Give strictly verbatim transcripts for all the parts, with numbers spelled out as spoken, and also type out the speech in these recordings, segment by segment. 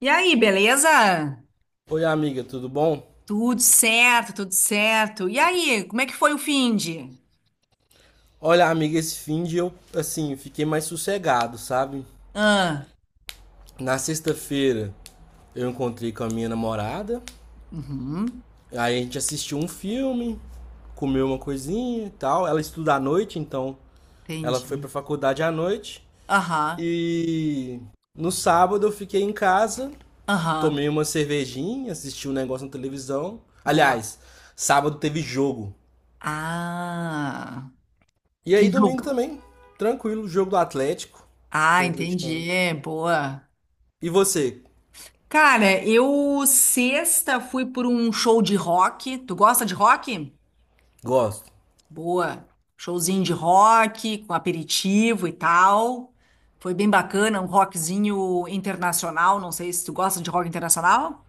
E aí, beleza? Oi, amiga, tudo bom? Tudo certo, tudo certo. E aí, como é que foi o finde? Olha, amiga, esse fim de eu, assim, fiquei mais sossegado, sabe? Ah, Na sexta-feira eu encontrei com a minha namorada, uhum, aí a gente assistiu um filme, comeu uma coisinha e tal. Ela estuda à noite, então ela foi entendi. pra faculdade à noite. Aham, E no sábado eu fiquei em casa, aham, tomei uma cervejinha, assisti um negócio na televisão. boa. Aliás, sábado teve jogo. Ah, E que aí domingo jogo. também, tranquilo, jogo do Atlético. Ah, Sou atleticano. entendi, boa. E você? Cara, eu sexta fui por um show de rock. Tu gosta de rock? Gosto. Boa. Showzinho de rock, com aperitivo e tal. Foi bem bacana, um rockzinho internacional. Não sei se tu gosta de rock internacional.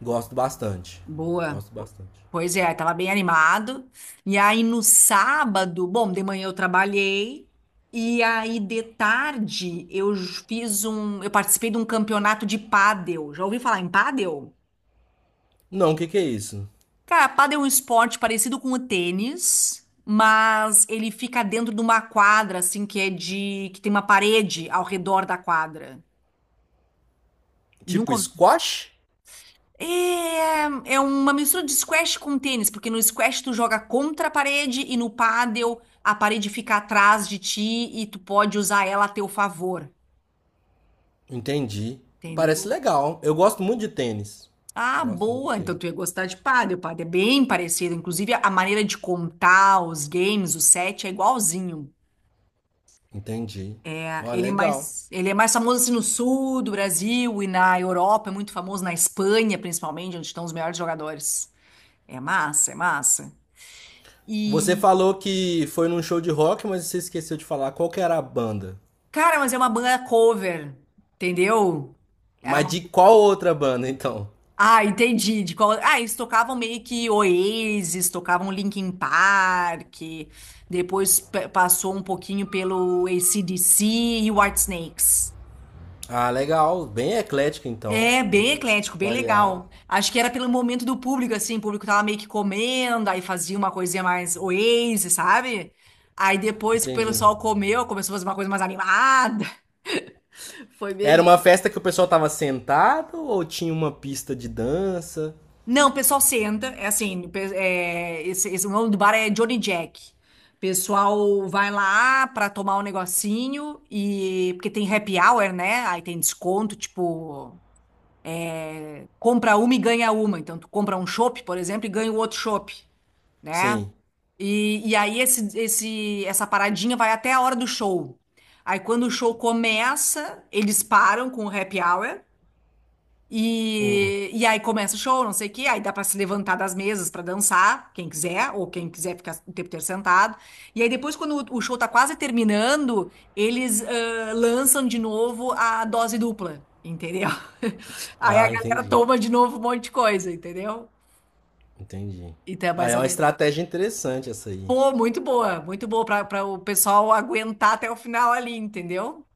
Gosto bastante. Boa. Gosto Po- bastante. Pois é, tava bem animado. E aí no sábado, bom, de manhã eu trabalhei. E aí de tarde eu fiz um, eu participei de um campeonato de pádel. Já ouvi falar em pádel? Não, o que que é isso? Cara, pádel é um esporte parecido com o tênis, mas ele fica dentro de uma quadra, assim, que é de que tem uma parede ao redor da quadra. Tipo Nunca ouvi. squash? É, é uma mistura de squash com tênis, porque no squash tu joga contra a parede e no pádel a parede fica atrás de ti e tu pode usar ela a teu favor, Entendi. Parece entendeu? legal. Eu gosto muito de tênis. Ah, Eu gosto muito de boa! Então tênis. tu ia gostar de pádel. Pádel é bem parecido, inclusive a maneira de contar os games, o set é igualzinho. Entendi. Ó, Ele é legal. mais, ele é mais famoso assim, no sul do Brasil e na Europa, é muito famoso na Espanha, principalmente, onde estão os melhores jogadores. É massa, é massa. Você E, falou que foi num show de rock, mas você esqueceu de falar qual que era a banda. cara, mas é uma banda cover, entendeu? Era Mas uma de qual outra banda, então? Ah, entendi. De qual Ah, eles tocavam meio que Oasis, tocavam Linkin Park, depois pe- passou um pouquinho pelo A C/D C e o Whitesnakes. Ah, legal. Bem eclético então. É bem Bem eclético, bem variado. legal. Acho que era pelo momento do público, assim, o público tava meio que comendo, aí fazia uma coisinha mais Oasis, sabe? Aí depois que o Entendi. pessoal comeu, começou a fazer uma coisa mais animada. Foi Era meio. uma festa que o pessoal tava sentado ou tinha uma pista de dança? Não, o pessoal senta, é assim, pe- é, esse, esse- o nome do bar é Johnny Jack. O pessoal vai lá pra tomar um negocinho e porque tem happy hour, né? Aí tem desconto, tipo, compra uma e ganha uma. Então tu compra um chopp, por exemplo, e ganha o outro chopp, né? Sim. E, e aí esse, esse, essa paradinha vai até a hora do show. Aí quando o show começa, eles param com o happy hour Hum. e, e aí começa o show, não sei o quê. Aí dá pra se levantar das mesas pra dançar, quem quiser, ou quem quiser ficar o tempo inteiro sentado. E aí depois, quando o, o show tá quase terminando, eles ãh, lançam de novo a dose dupla, entendeu? Aí a Ah, galera entendi. toma de novo um monte de coisa, entendeu? Entendi. Então é Ah, mais é ou uma menos. estratégia interessante essa aí. Pô, muito boa, muito boa para o pessoal aguentar até o final ali, entendeu?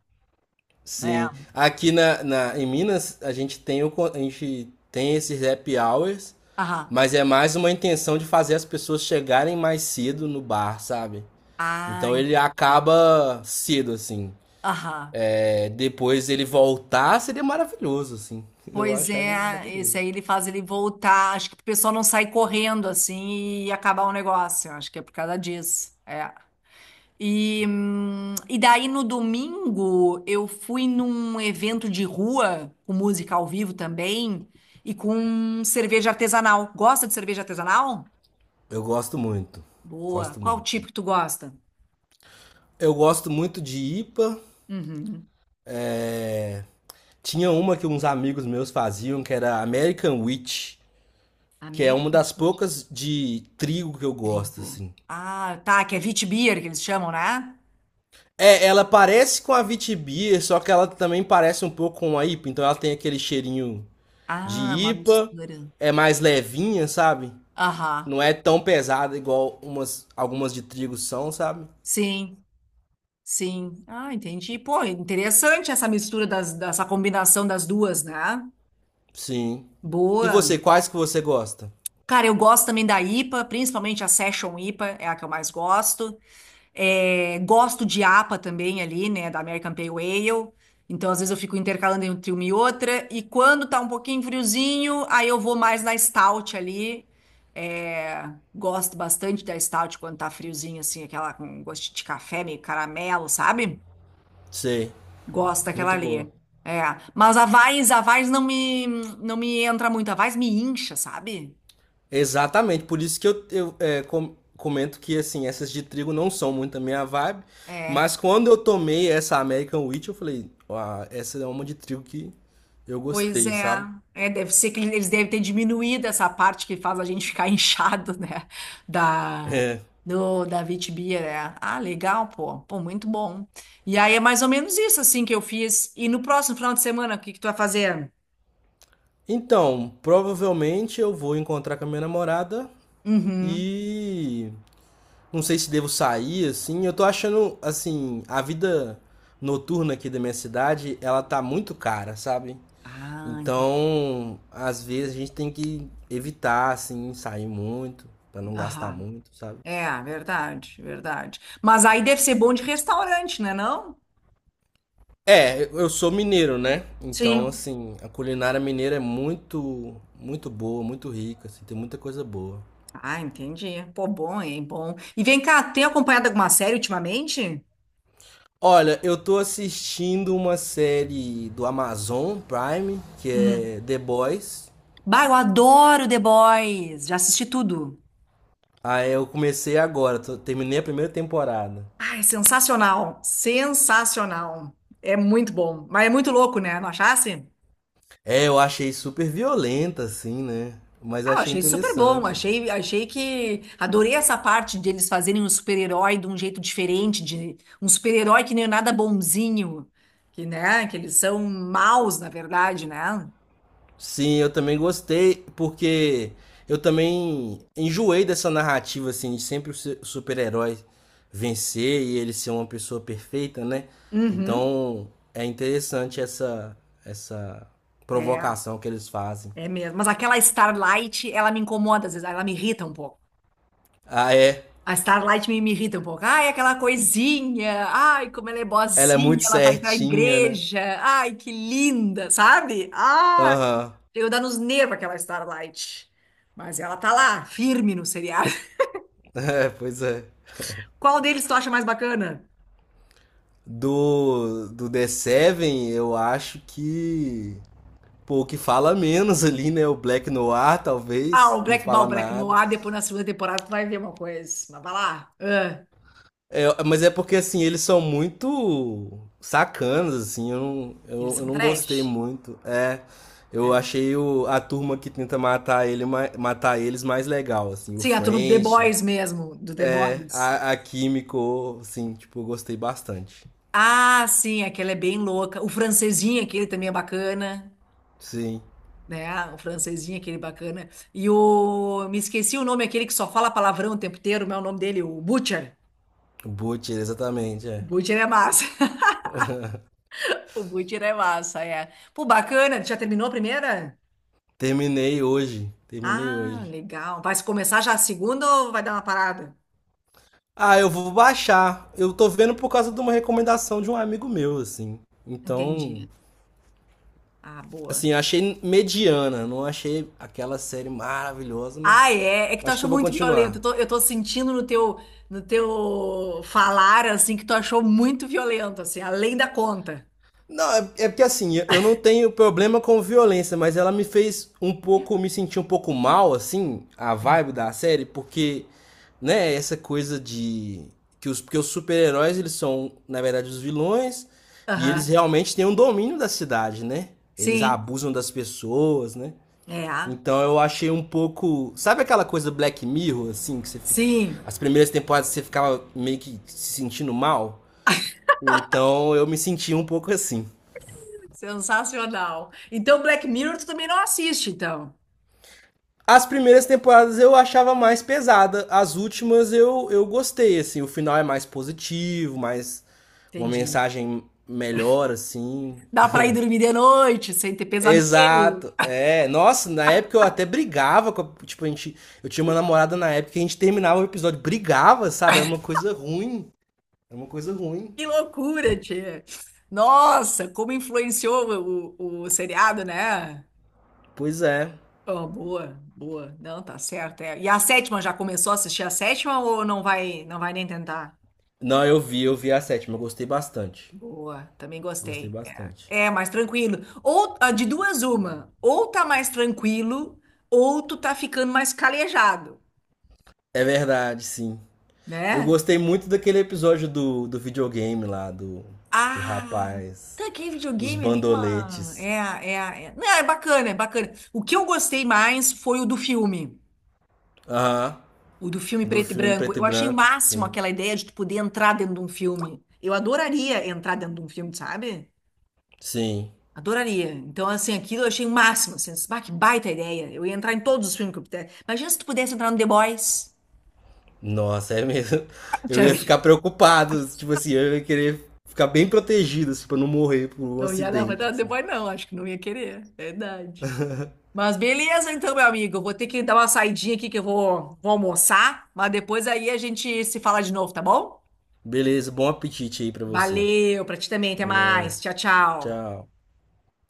Sim. É. Aqui na, na- em Minas, a gente tem o, con- a gente tem esses happy hours, Aham. mas é mais uma intenção de fazer as pessoas chegarem mais cedo no bar, sabe? Então Ai, ele acaba cedo, assim. aham. É, depois ele voltar seria maravilhoso, assim. Eu Pois acharia é, esse maravilhoso. aí ele faz ele voltar. Acho que o pessoal não sai correndo assim e acabar o negócio. Acho que é por causa disso. É. E, hum, e daí no domingo eu fui num evento de rua, com música ao vivo também, e com cerveja artesanal. Gosta de cerveja artesanal? Eu gosto muito. Boa. Gosto Qual muito. tipo que tu gosta? Eu gosto muito de I P A. Uhum. Tinha uma que uns amigos meus faziam, que era American Wheat, que é Amém? uma das poucas de trigo que eu gosto, Trigo. assim. Ah, tá, que é Witbier que eles chamam, né? É, ela parece com a Witbier, só que ela também parece um pouco com a I P A, então ela tem aquele cheirinho de Ah, uma I P A, mistura. é mais levinha, sabe? Aham, Não é tão pesada igual umas, algumas de trigo são, sabe? sim, sim. Ah, entendi. Pô, interessante essa mistura das, dessa combinação das duas, né? Sim. E Boa. você, quais que você gosta? Cara, eu gosto também da I P A, principalmente a Session I P A, é a que eu mais gosto. É, gosto de A P A também ali, né, da American Pale Ale. Então, às vezes eu fico intercalando entre uma e outra. E quando tá um pouquinho friozinho, aí eu vou mais na Stout ali. É, gosto bastante da Stout quando tá friozinho, assim, aquela com gosto de café, meio caramelo, sabe? Sei, Gosto daquela muito boa. ali. É, mas a Weiss, a Weiss não me, não me entra muito. A Weiss me incha, sabe? Exatamente, por isso que eu, eu é, com- comento que assim, essas de trigo não são muito a minha vibe, É. mas quando eu tomei essa American Wheat, eu falei, ah, essa é uma de trigo que eu Pois gostei, é, sabe? é, deve ser que eles devem ter diminuído essa parte que faz a gente ficar inchado, né? Da, É. do, da vitibia, né? Ah, legal, pô. Pô, muito bom. E aí é mais ou menos isso, assim, que eu fiz. E no próximo final de semana, o que que tu vai fazer? Então, provavelmente eu vou encontrar com a minha namorada Uhum. e não sei se devo sair assim. Eu tô achando assim, a vida noturna aqui da minha cidade, ela tá muito cara, sabe? Ah, entendi. Então, às vezes a gente tem que evitar, assim, sair muito, pra não gastar Aham. muito, sabe? É, verdade, verdade. Mas aí deve ser bom de restaurante, né, não? É, eu eu sou mineiro, né? Então, Sim. assim, a culinária mineira é muito, muito boa, muito rica, assim, tem muita coisa boa. Ah, entendi. Pô, bom, hein? Bom. E vem cá, tem acompanhado alguma série ultimamente? Olha, eu tô assistindo uma série do Amazon Prime, que Hum. é The Boys. Bah, eu adoro The Boys. Já assisti tudo. Aí eu comecei agora, tô- terminei a primeira temporada. Ai, sensacional, sensacional. É muito bom, mas é muito louco, né? Não achasse? É, eu achei super violenta, assim, né? Mas eu Ah, eu achei achei super bom. interessante. Achei, achei que adorei essa parte deles fazerem um super-herói de um jeito diferente, de um super-herói que nem nada bonzinho, que né, que eles são maus, na verdade, né? Sim, eu também gostei, porque eu também enjoei dessa narrativa, assim, de sempre o su- super-herói vencer e ele ser uma pessoa perfeita, né? Uhum, Então é interessante essa, essa é, provocação que eles fazem. é mesmo. Mas aquela Starlight, ela me incomoda às vezes, ela me irrita um pouco. Ah, é. A Starlight me, me irrita um pouco. Ai, aquela coisinha. Ai, como ela é Ela é boazinha, muito ela vai pra certinha, né? igreja. Ai, que linda, sabe? Ai, Aham. eu dá nos nervos aquela Starlight. Mas ela tá lá, firme no seriado. É, pois é. Qual deles tu acha mais bacana? Do, do The Seven, eu acho que. Pô, o que fala menos ali, né? O Black Noir, Ah, o talvez. Não Black Ball, fala Black nada. Noir, depois na segunda temporada tu vai ver uma coisa. Mas vai lá. Ah, É, mas é porque assim, eles são muito sacanas, assim, eu não, eu, eles eu são não gostei trash. muito. É, eu É. achei o, a turma que tenta matar ele, ma- matar eles mais legal, assim, o Sim, a turma do The French, Boys mesmo, do The é, Boys. a, a Kimiko, assim, tipo, eu gostei bastante. Ah, sim, aquela é bem louca. O francesinho, aquele também é bacana. Sim, Né? O francesinho, aquele bacana. E o. Me esqueci o nome, aquele que só fala palavrão o tempo inteiro, mas é o nome dele, o Butcher. o Butcher, exatamente, O é. Butcher é massa. O Butcher é massa, é. Pô, bacana. Tu já terminou a primeira? Terminei hoje, terminei Ah, hoje. legal. Vai se começar já a segunda ou vai dar uma parada? Ah, eu vou baixar. Eu tô vendo por causa de uma recomendação de um amigo meu, assim. Então, Entendi. Ah, boa. assim, eu achei mediana, não achei aquela série maravilhosa, Ah, mas é. É que tu acho que achou eu vou muito violento. Eu continuar. tô, eu tô sentindo no teu, no teu falar, assim, que tu achou muito violento, assim, além da conta. Não, é, é porque assim, eu eu não tenho problema com violência, mas ela me fez um pouco, me sentir um pouco mal, assim, a vibe Entendi. da série, porque, né, essa coisa de que os, porque os super-heróis, eles são, na verdade, os vilões, e eles Aham. realmente têm um domínio da cidade, né? Eles Sim. abusam das pessoas, né? É. Então eu achei um pouco. Sabe aquela coisa Black Mirror, assim, que você fica. Sim. As primeiras temporadas você ficava meio que se sentindo mal? Então eu me sentia um pouco assim. Sensacional. Então, Black Mirror, tu também não assiste, então. As primeiras temporadas eu achava mais pesada, as últimas eu, eu gostei, assim, o final é mais positivo, mais uma Entendi. mensagem melhor, assim. Dá pra ir dormir de noite sem ter pesadelo. Exato, é, nossa, na época eu até brigava, com a- tipo, a gente, eu tinha uma namorada na época que a gente terminava o episódio, brigava, sabe, era uma coisa ruim. É uma coisa ruim. Que loucura, tia. Nossa, como influenciou o, o, o seriado, né? Pois é. Oh, boa, boa. Não, tá certo. É. E a sétima, já começou a assistir a sétima ou não vai, não vai nem tentar? Não, eu vi, eu vi a sétima, eu gostei bastante. Boa, também Gostei gostei. bastante. É, é mais tranquilo. Ou ah, de duas, uma. Ou tá mais tranquilo, ou tu tá ficando mais calejado, É verdade, sim. Eu né? gostei muito daquele episódio do, do videogame lá, do, do Ah, rapaz, tá que dos videogame ali, uma É, bandoletes. é, a- é. Não, é bacana, é bacana. O que eu gostei mais foi o do filme, Aham, o do filme do preto e filme branco. preto e Eu achei o branco. máximo Sim. aquela ideia de tu poder entrar dentro de um filme. Eu adoraria entrar dentro de um filme, sabe? Sim. Adoraria. Então, assim, aquilo eu achei o máximo. Assim, bah, que baita ideia. Eu ia entrar em todos os filmes que eu pudesse. Imagina se tu pudesse entrar no The Boys. Nossa, é mesmo. Eu Já ia ficar vi. preocupado, tipo assim, eu ia querer ficar bem protegido, assim, pra não morrer por um Não ia dar pra acidente. entrar no The Assim. Boys, não. Acho que não ia querer. Verdade. Mas beleza, então, meu amigo. Eu vou ter que dar uma saidinha aqui que eu vou, vou almoçar, mas depois aí a gente se fala de novo, tá bom? Beleza, bom apetite aí pra você. Valeu, pra ti também. Até Falou, mais. Tchau, tchau. tchau.